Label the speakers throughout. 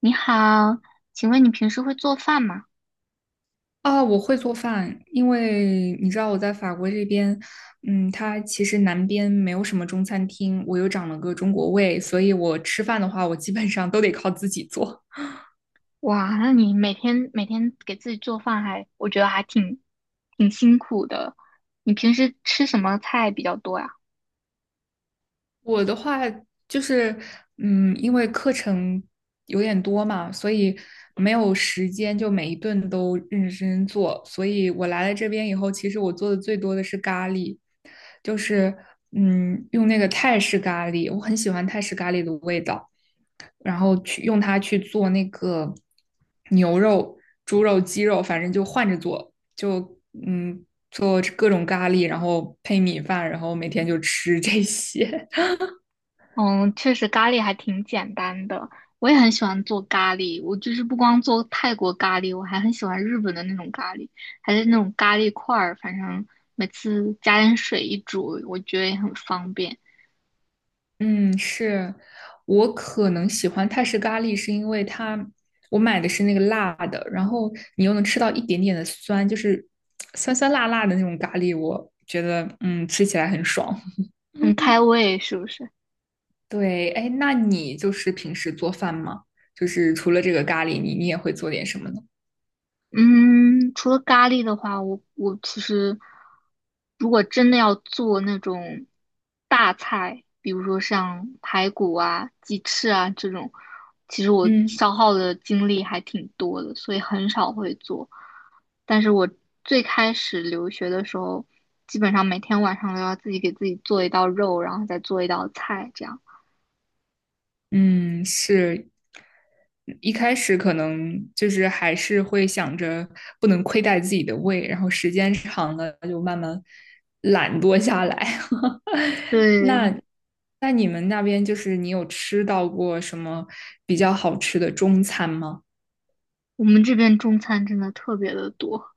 Speaker 1: 你好，请问你平时会做饭吗？
Speaker 2: 啊，我会做饭，因为你知道我在法国这边，它其实南边没有什么中餐厅，我又长了个中国胃，所以我吃饭的话，我基本上都得靠自己做。
Speaker 1: 哇，那你每天给自己做饭还，我觉得还挺辛苦的。你平时吃什么菜比较多呀？
Speaker 2: 我的话就是，因为课程有点多嘛，所以没有时间就每一顿都认认真真做，所以我来了这边以后，其实我做的最多的是咖喱，就是用那个泰式咖喱，我很喜欢泰式咖喱的味道。然后去用它去做那个牛肉、猪肉、鸡肉，反正就换着做，就嗯做各种咖喱，然后配米饭，然后每天就吃这些。
Speaker 1: 嗯，确实咖喱还挺简单的。我也很喜欢做咖喱，我就是不光做泰国咖喱，我还很喜欢日本的那种咖喱，还是那种咖喱块儿，反正每次加点水一煮，我觉得也很方便，
Speaker 2: 嗯，是我可能喜欢泰式咖喱，是因为它我买的是那个辣的，然后你又能吃到一点点的酸，就是酸酸辣辣的那种咖喱，我觉得吃起来很爽。
Speaker 1: 很
Speaker 2: 嗯
Speaker 1: 开胃，是不是？
Speaker 2: 对，哎，那你就是平时做饭吗？就是除了这个咖喱，你也会做点什么呢？
Speaker 1: 嗯，除了咖喱的话，我其实如果真的要做那种大菜，比如说像排骨啊、鸡翅啊这种，其实我
Speaker 2: 嗯
Speaker 1: 消耗的精力还挺多的，所以很少会做。但是我最开始留学的时候，基本上每天晚上都要自己给自己做一道肉，然后再做一道菜，这样。
Speaker 2: 嗯，是，一开始可能就是还是会想着不能亏待自己的胃，然后时间长了就慢慢懒惰下来。那
Speaker 1: 对，
Speaker 2: 那你们那边就是你有吃到过什么比较好吃的中餐吗？
Speaker 1: 我们这边中餐真的特别的多，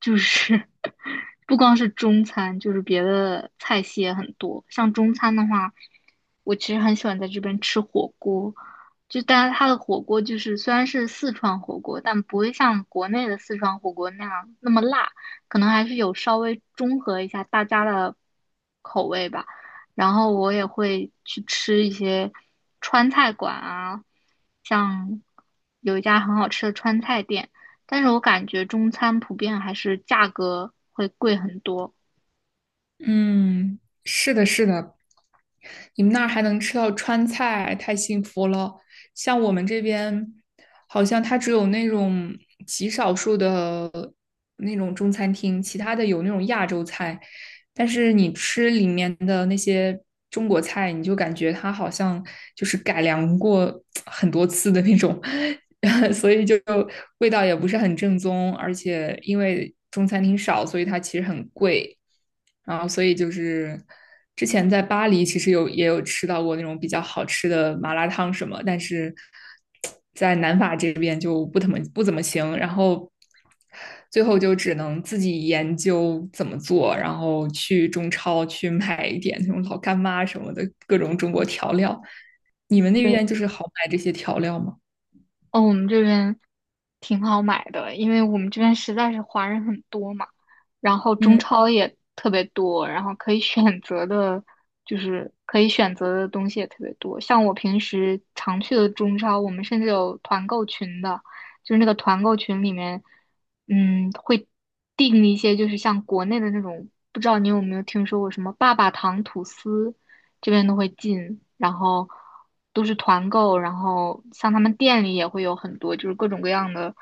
Speaker 1: 就是 不光是中餐，就是别的菜系也很多。像中餐的话，我其实很喜欢在这边吃火锅，就但是它的火锅就是虽然是四川火锅，但不会像国内的四川火锅那样那么辣，可能还是有稍微中和一下大家的口味吧。然后我也会去吃一些川菜馆啊，像有一家很好吃的川菜店，但是我感觉中餐普遍还是价格会贵很多。
Speaker 2: 嗯，是的，是的，你们那儿还能吃到川菜，太幸福了。像我们这边，好像它只有那种极少数的那种中餐厅，其他的有那种亚洲菜，但是你吃里面的那些中国菜，你就感觉它好像就是改良过 很多次的那种，所以就味道也不是很正宗，而且因为中餐厅少，所以它其实很贵。然后所以就是之前在巴黎其实有也有吃到过那种比较好吃的麻辣烫什么，但是在南法这边就不怎么行，然后最后就只能自己研究怎么做，然后去中超去买一点那种老干妈什么的各种中国调料。你们那
Speaker 1: 对，
Speaker 2: 边就是好买这些调料吗？
Speaker 1: 哦，我们这边挺好买的，因为我们这边实在是华人很多嘛，然后中
Speaker 2: 嗯。
Speaker 1: 超也特别多，然后可以选择的，就是可以选择的东西也特别多。像我平时常去的中超，我们甚至有团购群的，就是那个团购群里面，嗯，会订一些就是像国内的那种，不知道你有没有听说过什么爸爸糖吐司，这边都会进，然后都是团购，然后像他们店里也会有很多，就是各种各样的，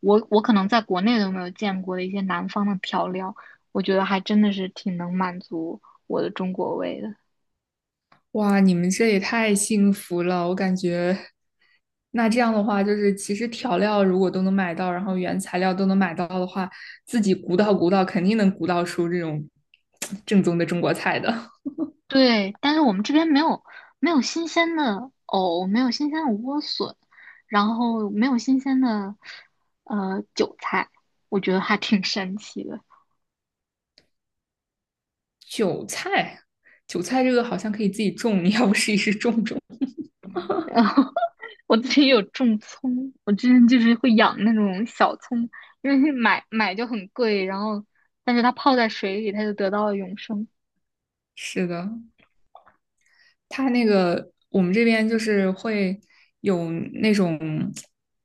Speaker 1: 我可能在国内都没有见过的一些南方的调料，我觉得还真的是挺能满足我的中国胃的。
Speaker 2: 哇，你们这也太幸福了，我感觉。那这样的话，就是其实调料如果都能买到，然后原材料都能买到的话，自己鼓捣鼓捣，肯定能鼓捣出这种正宗的中国菜的。
Speaker 1: 对，但是我们这边没有新鲜的藕，没有新鲜的莴笋，然后没有新鲜的韭菜，我觉得还挺神奇的。
Speaker 2: 韭菜，韭菜这个好像可以自己种，你要不试一试种种？
Speaker 1: 我自己有种葱，我之前就是会养那种小葱，因为买就很贵，然后但是它泡在水里，它就得到了永生。
Speaker 2: 是的，它那个我们这边就是会有那种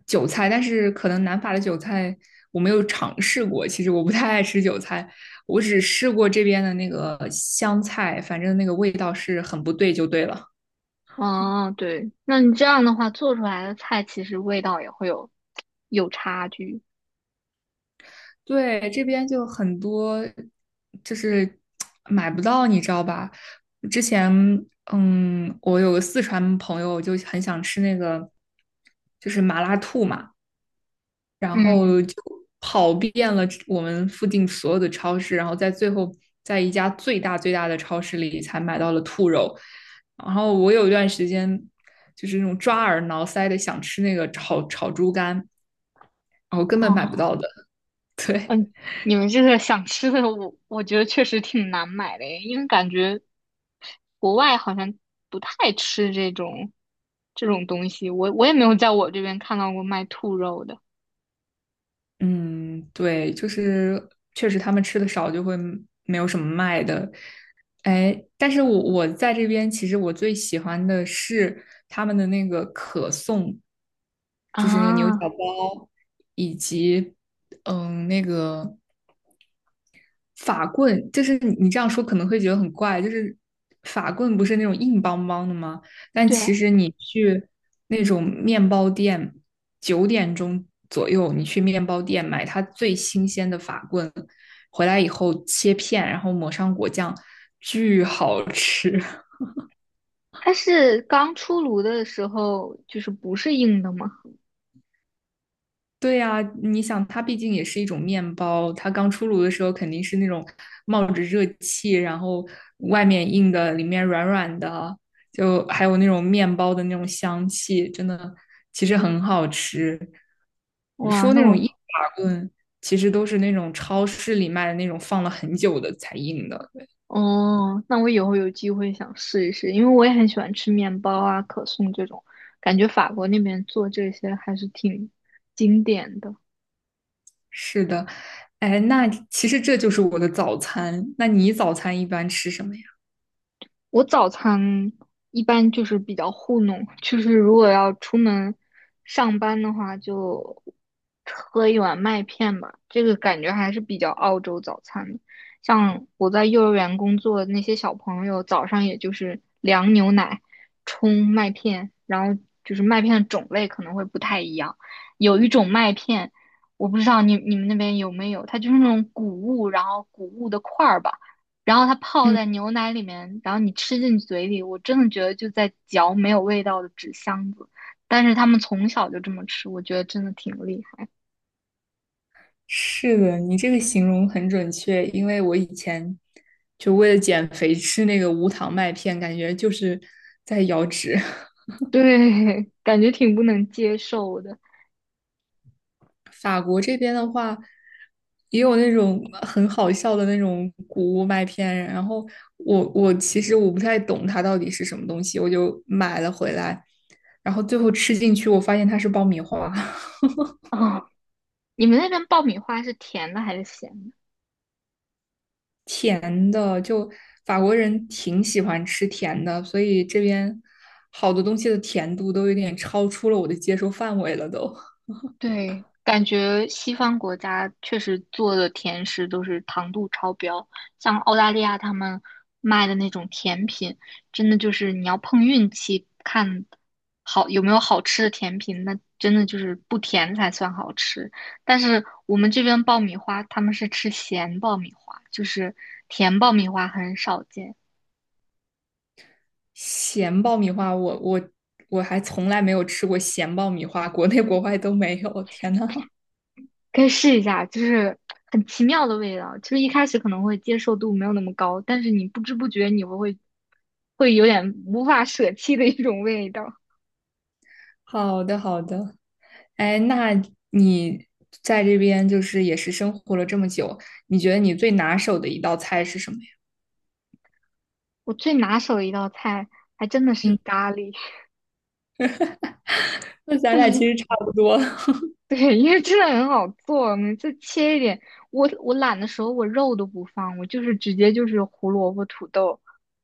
Speaker 2: 韭菜，但是可能南法的韭菜我没有尝试过。其实我不太爱吃韭菜，我只试过这边的那个香菜，反正那个味道是很不对，就对了。
Speaker 1: 哦，对，那你这样的话做出来的菜其实味道也会有差距。
Speaker 2: 对，这边就很多就是买不到，你知道吧？之前我有个四川朋友就很想吃那个就是麻辣兔嘛。然
Speaker 1: 嗯，
Speaker 2: 后就跑遍了我们附近所有的超市，然后在最后在一家最大最大的超市里才买到了兔肉。然后我有一段时间就是那种抓耳挠腮的想吃那个炒炒猪肝，然后根本买不
Speaker 1: 哦，
Speaker 2: 到的。对，
Speaker 1: 嗯，你们这个想吃的我，我觉得确实挺难买的耶因为感觉国外好像不太吃这种东西，我也没有在我这边看到过卖兔肉的。
Speaker 2: 嗯，对，就是确实他们吃的少，就会没有什么卖的。哎，但是我在这边，其实我最喜欢的是他们的那个可颂，就是那个牛
Speaker 1: 啊，
Speaker 2: 角包，嗯，那个法棍，就是你这样说可能会觉得很怪，就是法棍不是那种硬邦邦的吗？但
Speaker 1: 对
Speaker 2: 其
Speaker 1: 啊
Speaker 2: 实你去那种面包店，九点钟左右你去面包店买它最新鲜的法棍，回来以后切片，然后抹上果酱，巨好吃。
Speaker 1: 它是刚出炉的时候就是不是硬的吗？
Speaker 2: 对呀，你想，它毕竟也是一种面包，它刚出炉的时候肯定是那种冒着热气，然后外面硬的，里面软软的，就还有那种面包的那种香气，真的其实很好吃。你
Speaker 1: 哇，
Speaker 2: 说
Speaker 1: 那
Speaker 2: 那种硬
Speaker 1: 我
Speaker 2: 法棍，其实都是那种超市里卖的那种放了很久的才硬的。
Speaker 1: 哦，那我以后有机会想试一试，因为我也很喜欢吃面包啊、可颂这种，感觉法国那边做这些还是挺经典的。
Speaker 2: 是的，哎，那其实这就是我的早餐。那你早餐一般吃什么呀？
Speaker 1: 我早餐一般就是比较糊弄，就是如果要出门上班的话，就喝一碗麦片吧。这个感觉还是比较澳洲早餐的。像我在幼儿园工作的那些小朋友，早上也就是凉牛奶冲麦片，然后就是麦片的种类可能会不太一样。有一种麦片，我不知道你们那边有没有，它就是那种谷物，然后谷物的块儿吧。然后它泡
Speaker 2: 嗯。
Speaker 1: 在牛奶里面，然后你吃进嘴里，我真的觉得就在嚼没有味道的纸箱子。但是他们从小就这么吃，我觉得真的挺厉害。
Speaker 2: 是的，你这个形容很准确，因为我以前就为了减肥吃那个无糖麦片，感觉就是在摇指。
Speaker 1: 对，感觉挺不能接受的
Speaker 2: 法国这边的话，也有那种很好笑的那种谷物麦片，然后我其实我不太懂它到底是什么东西，我就买了回来，然后最后吃进去，我发现它是爆米花。
Speaker 1: 啊，你们那边爆米花是甜的还是咸的？
Speaker 2: 甜的，就法国人挺喜欢吃甜的，所以这边好多东西的甜度都有点超出了我的接受范围了都。
Speaker 1: 对，感觉西方国家确实做的甜食都是糖度超标，像澳大利亚他们卖的那种甜品，真的就是你要碰运气，看好有没有好吃的甜品，那真的就是不甜才算好吃。但是我们这边爆米花，他们是吃咸爆米花，就是甜爆米花很少见。
Speaker 2: 咸爆米花，我我还从来没有吃过咸爆米花，国内国外都没有。天呐，
Speaker 1: 可以试一下，就是很奇妙的味道。就是一开始可能会接受度没有那么高，但是你不知不觉你会有点无法舍弃的一种味道。
Speaker 2: 好的好的，哎，那你在这边就是也是生活了这么久，你觉得你最拿手的一道菜是什么呀？
Speaker 1: 我最拿手的一道菜还真的是
Speaker 2: 嗯，
Speaker 1: 咖喱，
Speaker 2: 那咱俩其 实差不多。
Speaker 1: 对，因为真的很好做，每次切一点，我懒的时候我肉都不放，我就是直接就是胡萝卜、土豆，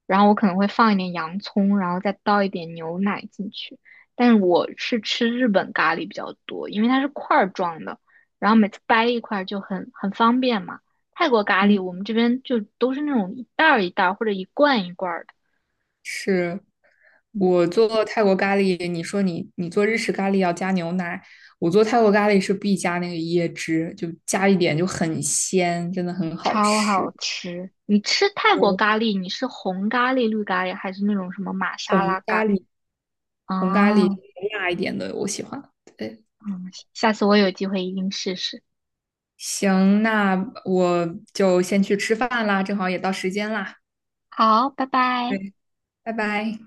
Speaker 1: 然后我可能会放一点洋葱，然后再倒一点牛奶进去。但是我是吃日本咖喱比较多，因为它是块儿状的，然后每次掰一块儿就很方便嘛。泰国咖喱
Speaker 2: 嗯。
Speaker 1: 我们这边就都是那种一袋儿一袋儿或者一罐一罐儿的，
Speaker 2: 是
Speaker 1: 嗯，
Speaker 2: 我做泰国咖喱，你说你做日式咖喱要加牛奶，我做泰国咖喱是必加那个椰汁，就加一点就很鲜，真的很好
Speaker 1: 超好
Speaker 2: 吃。
Speaker 1: 吃。你吃泰国
Speaker 2: 对，
Speaker 1: 咖喱，你是红咖喱、绿咖喱，还是那种什么玛莎
Speaker 2: 红
Speaker 1: 拉
Speaker 2: 咖
Speaker 1: 咖喱？
Speaker 2: 喱，红咖喱
Speaker 1: 哦，
Speaker 2: 辣一点的我喜欢。对，
Speaker 1: 嗯，下次我有机会一定试试。
Speaker 2: 行，那我就先去吃饭啦，正好也到时间啦。
Speaker 1: 好，拜拜。
Speaker 2: 对，拜拜。